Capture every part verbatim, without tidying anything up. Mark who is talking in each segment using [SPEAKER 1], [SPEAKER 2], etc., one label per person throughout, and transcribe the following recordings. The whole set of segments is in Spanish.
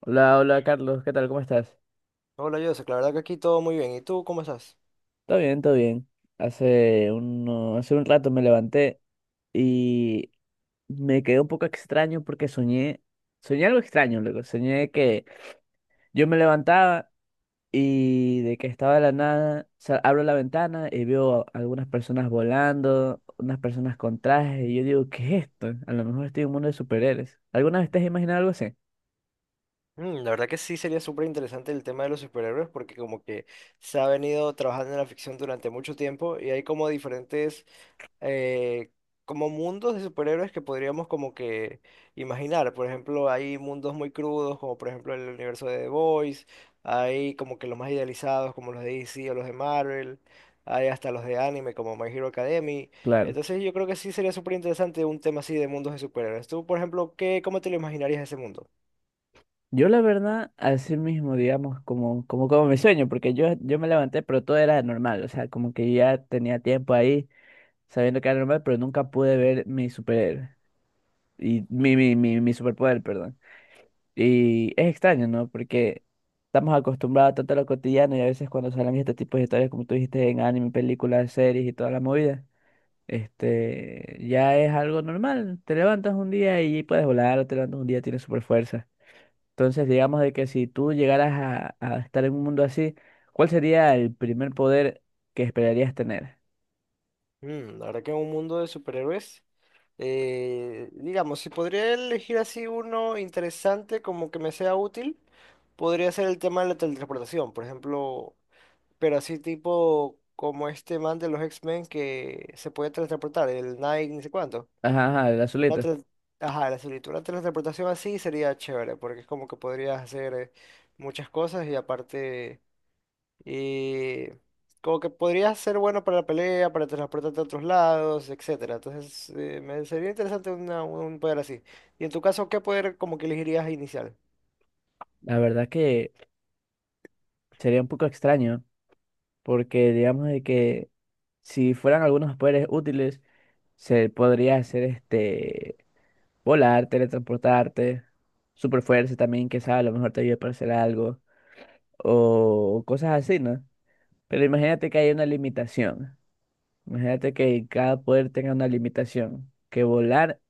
[SPEAKER 1] Hola, hola Carlos, ¿qué tal? ¿Cómo estás?
[SPEAKER 2] Hola, Joseph. La verdad que aquí todo muy bien. ¿Y tú cómo estás?
[SPEAKER 1] Todo bien, todo bien. Hace uno, hace un rato me levanté y me quedé un poco extraño porque soñé, soñé algo extraño, luego soñé que yo me levantaba y de que estaba de la nada, sa- abro la ventana y veo a algunas personas volando, unas personas con trajes y yo digo, ¿qué es esto? A lo mejor estoy en un mundo de superhéroes. ¿Alguna vez te has imaginado algo así?
[SPEAKER 2] Mm, la verdad que sí sería súper interesante el tema de los superhéroes porque como que se ha venido trabajando en la ficción durante mucho tiempo y hay como diferentes eh, como mundos de superhéroes que podríamos como que imaginar. Por ejemplo, hay mundos muy crudos, como por ejemplo el universo de The Boys, hay como que los más idealizados, como los de D C o los de Marvel, hay hasta los de anime, como My Hero Academy.
[SPEAKER 1] Claro.
[SPEAKER 2] Entonces yo creo que sí sería súper interesante un tema así de mundos de superhéroes. Tú, por ejemplo, ¿qué, cómo te lo imaginarías ese mundo?
[SPEAKER 1] Yo la verdad, así mismo, digamos, como, como, como mi sueño, porque yo, yo me levanté, pero todo era normal, o sea, como que ya tenía tiempo ahí sabiendo que era normal, pero nunca pude ver mi superhéroe, y mi, mi, mi, mi superpoder, perdón. Y es extraño, ¿no? Porque estamos acostumbrados tanto a lo cotidiano y a veces cuando salen este tipo de historias, como tú dijiste, en anime, películas, series y toda la movida, este, ya es algo normal, te levantas un día y puedes volar, o te levantas un día, y tienes super fuerza. Entonces, digamos de que si tú llegaras a, a estar en un mundo así, ¿cuál sería el primer poder que esperarías tener?
[SPEAKER 2] Mm, la verdad que un mundo de superhéroes. Eh, digamos, si podría elegir así uno interesante como que me sea útil, podría ser el tema de la teletransportación, por ejemplo, pero así tipo como este man de los X-Men que se puede teletransportar, el Nike, ni sé cuánto.
[SPEAKER 1] Ajá, ajá, el
[SPEAKER 2] Una
[SPEAKER 1] azulito.
[SPEAKER 2] tele- Ajá, la solita, una teletransportación así sería chévere, porque es como que podrías hacer eh, muchas cosas y aparte... Y como que podría ser bueno para la pelea, para transportarte a otros lados, etcétera. Entonces, eh, me sería interesante una- un poder así. Y en tu caso, ¿qué poder como que elegirías inicial?
[SPEAKER 1] La verdad que sería un poco extraño, porque digamos de que si fueran algunos poderes útiles, se podría hacer este volar, teletransportarte, superfuerza también, que sabe, a lo mejor te ayuda para hacer algo, o cosas así, ¿no? Pero imagínate que hay una limitación. Imagínate que cada poder tenga una limitación. Que volar,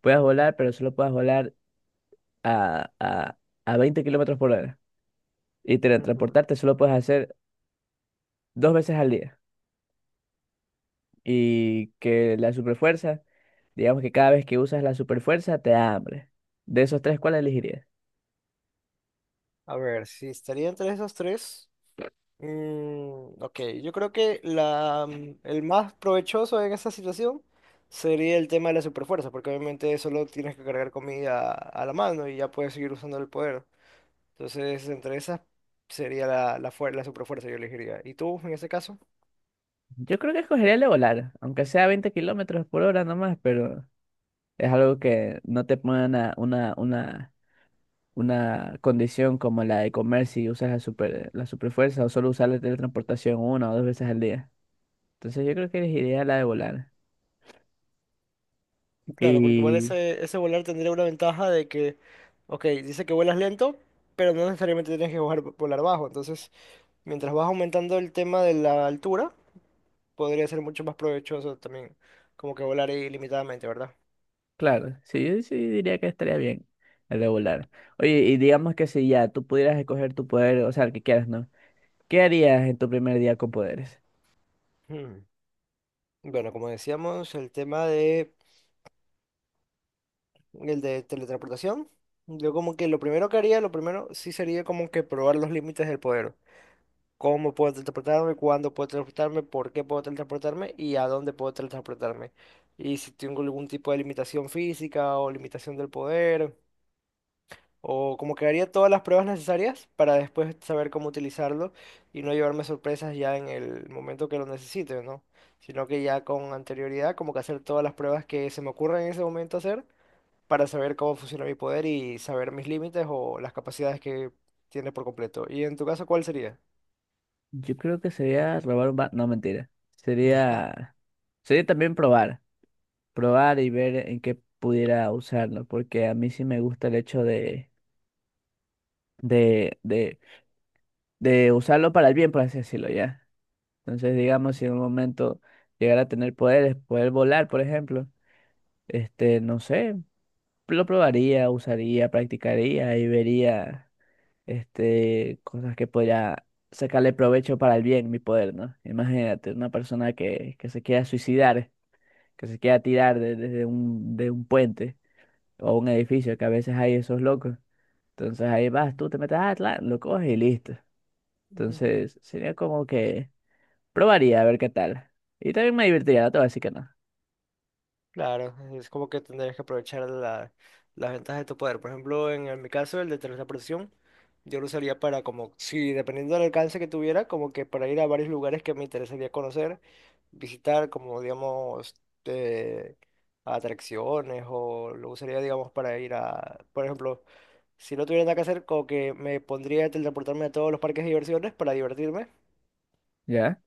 [SPEAKER 1] puedas volar, pero solo puedas volar a, a, a veinte kilómetros por hora. Y
[SPEAKER 2] Ujú.
[SPEAKER 1] teletransportarte solo puedes hacer dos veces al día. Y que la superfuerza, digamos que cada vez que usas la superfuerza te da hambre. De esos tres, ¿cuál elegirías?
[SPEAKER 2] A ver, si estaría entre esos tres. Mm, ok, yo creo que la, mm, el más provechoso en esa situación sería el tema de la superfuerza, porque obviamente solo tienes que cargar comida a la mano y ya puedes seguir usando el poder. Entonces, entre esas sería la, la, fuer- la superfuerza, yo elegiría. ¿Y tú, en ese caso?
[SPEAKER 1] Yo creo que escogería el de volar, aunque sea veinte kilómetros por hora nomás, pero es algo que no te pone una, una, una una condición como la de comer si usas la super, la superfuerza o solo usar la teletransportación una o dos veces al día. Entonces yo creo que elegiría la de volar.
[SPEAKER 2] Claro, porque igual
[SPEAKER 1] Y
[SPEAKER 2] ese, ese volar tendría una ventaja de que, ok, dice que vuelas lento, pero no necesariamente tienes que volar, volar bajo. Entonces, mientras vas aumentando el tema de la altura, podría ser mucho más provechoso también, como que volar ilimitadamente, ¿verdad?
[SPEAKER 1] claro, sí, yo sí diría que estaría bien la de volar. Oye, y digamos que si ya tú pudieras escoger tu poder, o sea, el que quieras, ¿no? ¿Qué harías en tu primer día con poderes?
[SPEAKER 2] Hmm. Bueno, como decíamos, el tema de- el de teletransportación, yo como que lo primero que haría, lo primero sí sería como que probar los límites del poder. Cómo puedo teletransportarme, cuándo puedo teletransportarme, por qué puedo teletransportarme y a dónde puedo teletransportarme. Y si tengo algún tipo de limitación física o limitación del poder, o como que haría todas las pruebas necesarias para después saber cómo utilizarlo y no llevarme sorpresas ya en el momento que lo necesite, ¿no? Sino que ya con anterioridad, como que hacer todas las pruebas que se me ocurran en ese momento hacer para saber cómo funciona mi poder y saber mis límites o las capacidades que tiene por completo. ¿Y en tu caso cuál sería?
[SPEAKER 1] Yo creo que sería robar un banco. No, mentira. Sería, sería también probar. Probar y ver en qué pudiera usarlo. Porque a mí sí me gusta el hecho de de, de de usarlo para el bien, por así decirlo, ¿ya? Entonces, digamos, si en un momento llegara a tener poderes, poder volar, por ejemplo, este, no sé, lo probaría, usaría, practicaría y vería, este, cosas que podría sacarle provecho para el bien, mi poder, ¿no? Imagínate, una persona que, que se quiera suicidar, que se quiera tirar de- desde un, de un puente o un edificio, que a veces hay esos locos. Entonces ahí vas, tú te metes, ah, tla, lo coges y listo.
[SPEAKER 2] Ujú.
[SPEAKER 1] Entonces sería como que Probaría a ver qué tal. Y también me divertiría, no te voy a decir que no.
[SPEAKER 2] Claro, es como que tendrías que aprovechar la, las ventajas de tu poder. Por ejemplo, en, el- mi caso, el de teletransportación, yo lo usaría para como, si dependiendo del alcance que tuviera, como que para ir a varios lugares que me interesaría conocer, visitar como, digamos, eh, atracciones o lo usaría, digamos, para ir a, por ejemplo, si no tuviera nada que hacer, como que me pondría a teletransportarme a todos los parques de diversiones para divertirme
[SPEAKER 1] ¿Ya?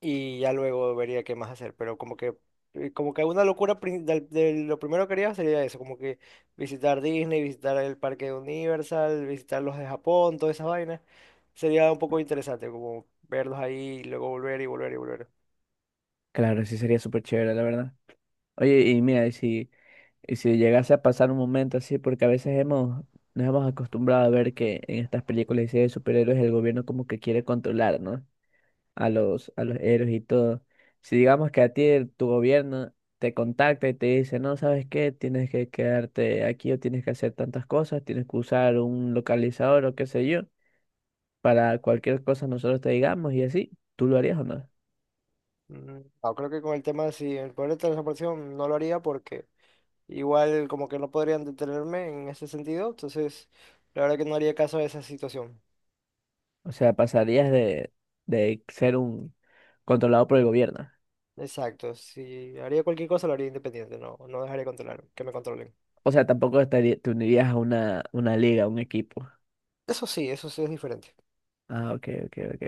[SPEAKER 2] y ya luego vería qué más hacer, pero como que eh, como que una locura prin- del- de, lo primero que haría sería eso, como que visitar Disney, visitar el parque de Universal, visitar los de Japón, todas esas vainas. Sería un poco interesante como verlos ahí y luego volver y volver y volver.
[SPEAKER 1] Claro, sí sería súper chévere, la verdad. Oye, y mira, y si, y si llegase a pasar un momento así, porque a veces hemos, nos hemos acostumbrado a ver que en estas películas y series de superhéroes el gobierno como que quiere controlar, ¿no? A los, a los héroes y todo. Si digamos que a ti el- tu gobierno te contacta y te dice, no, ¿sabes qué? Tienes que quedarte aquí o tienes que hacer tantas cosas, tienes que usar un localizador o qué sé yo, para cualquier cosa nosotros te digamos y así, ¿tú lo harías o no?
[SPEAKER 2] Mm, no, creo que con el tema si el poder de transportación no lo haría porque igual como que no podrían detenerme en ese sentido, entonces la verdad que no haría caso a esa situación.
[SPEAKER 1] O sea, pasarías de, de ser un controlado por el gobierno.
[SPEAKER 2] Exacto, si haría cualquier cosa lo haría independiente, no, no dejaría controlar, que me controlen.
[SPEAKER 1] O sea, tampoco estaría te unirías a una, una liga, a un equipo.
[SPEAKER 2] Eso sí, eso sí es diferente.
[SPEAKER 1] Ah, ok, ok, ok.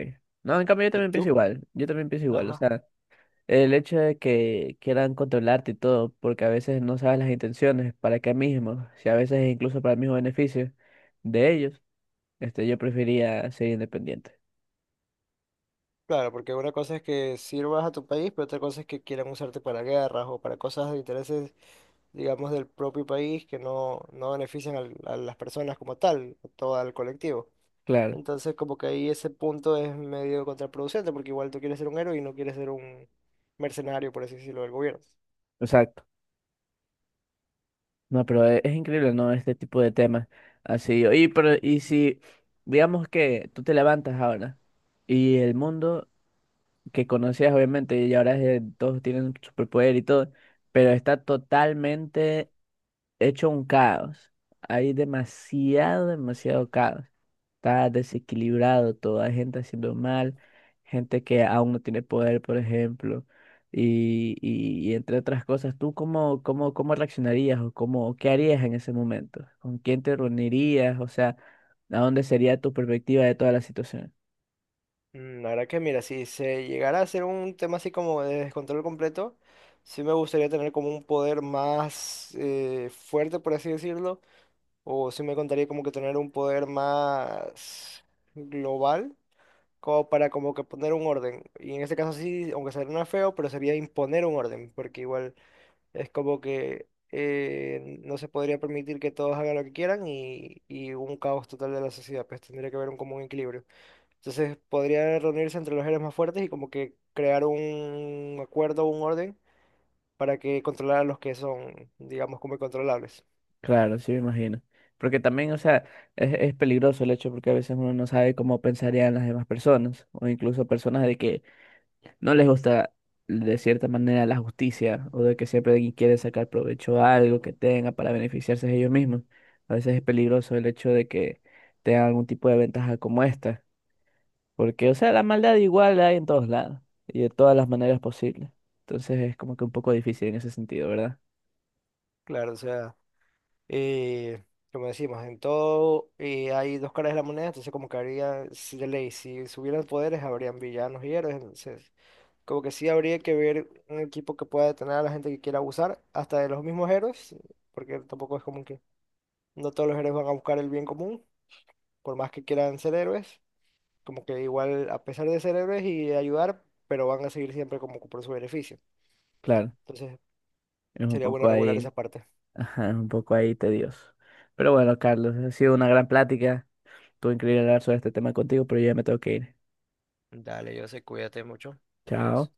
[SPEAKER 1] No, en cambio yo
[SPEAKER 2] ¿Y
[SPEAKER 1] también
[SPEAKER 2] tú?
[SPEAKER 1] pienso igual, yo también pienso igual. O
[SPEAKER 2] Ajá.
[SPEAKER 1] sea, el hecho de que quieran controlarte y todo, porque a veces no sabes las intenciones, para qué mismo, si a veces incluso para el mismo beneficio de ellos, este, yo preferiría ser independiente.
[SPEAKER 2] Claro, porque una cosa es que sirvas a tu país, pero otra cosa es que quieran usarte para guerras o para cosas de intereses, digamos, del propio país que no, no benefician al- a las personas como tal, a todo al colectivo.
[SPEAKER 1] Claro,
[SPEAKER 2] Entonces, como que ahí ese punto es medio contraproducente, porque igual tú quieres ser un héroe y no quieres ser un mercenario, por así decirlo, del gobierno.
[SPEAKER 1] exacto. No, pero e- es, increíble, ¿no? Este tipo de temas. Así, oye, pero y si, digamos que tú te levantas ahora y el mundo que conocías, obviamente, y ahora es de- todos tienen superpoder y todo, pero está totalmente hecho un caos. Hay demasiado, demasiado caos. Está desequilibrado todo. Hay gente haciendo mal, gente que aún no tiene poder, por ejemplo. Y, y, y entre otras cosas, ¿tú cómo, cómo, cómo reaccionarías o cómo, qué harías en ese momento? ¿Con quién te reunirías? O sea, ¿a dónde sería tu perspectiva de toda la situación?
[SPEAKER 2] Mm, la verdad que mira, si se llegara a ser un tema así como de descontrol completo, sí me gustaría tener como un poder más eh, fuerte, por así decirlo, o sí me contaría como que tener un poder más global, como para como que poner un orden. Y en este caso sí, aunque suena feo, pero sería imponer un orden, porque igual es como que eh, no se podría permitir que todos hagan lo que quieran y, y un caos total de la sociedad, pues tendría que haber un común equilibrio. Entonces podría reunirse entre los héroes más fuertes y como que crear un acuerdo un orden para que controlar a los que son, digamos, como incontrolables.
[SPEAKER 1] Claro, sí me imagino. Porque también, o sea, es, es peligroso el hecho porque a veces uno no sabe cómo pensarían las demás personas o incluso personas de que no les gusta de cierta manera la justicia o de que siempre alguien quiere sacar provecho a algo que tenga para beneficiarse de ellos mismos. A veces es peligroso el hecho de que tengan algún tipo de ventaja como esta, porque, o sea, la maldad igual la hay en todos lados y de todas las maneras posibles. Entonces es como que un poco difícil en ese sentido, ¿verdad?
[SPEAKER 2] Claro, o sea, eh, como decimos, en todo eh, hay dos caras de la moneda, entonces como que habría, si de ley, si subieran poderes, habrían villanos y héroes, entonces como que sí habría que ver un equipo que pueda detener a la gente que quiera abusar, hasta de los mismos héroes, porque tampoco es como que no todos los héroes van a buscar el bien común, por más que quieran ser héroes. Como que igual, a pesar de ser héroes y de ayudar, pero van a seguir siempre como que por su beneficio.
[SPEAKER 1] Claro,
[SPEAKER 2] Entonces,
[SPEAKER 1] es un
[SPEAKER 2] sería bueno
[SPEAKER 1] poco
[SPEAKER 2] regular esa
[SPEAKER 1] ahí,
[SPEAKER 2] parte.
[SPEAKER 1] ajá, es un poco ahí tedioso. Pero bueno, Carlos, ha sido una gran plática. Estuvo increíble hablar sobre este tema contigo, pero yo ya me tengo que ir.
[SPEAKER 2] Dale, yo sé, cuídate mucho. Adiós.
[SPEAKER 1] Chao.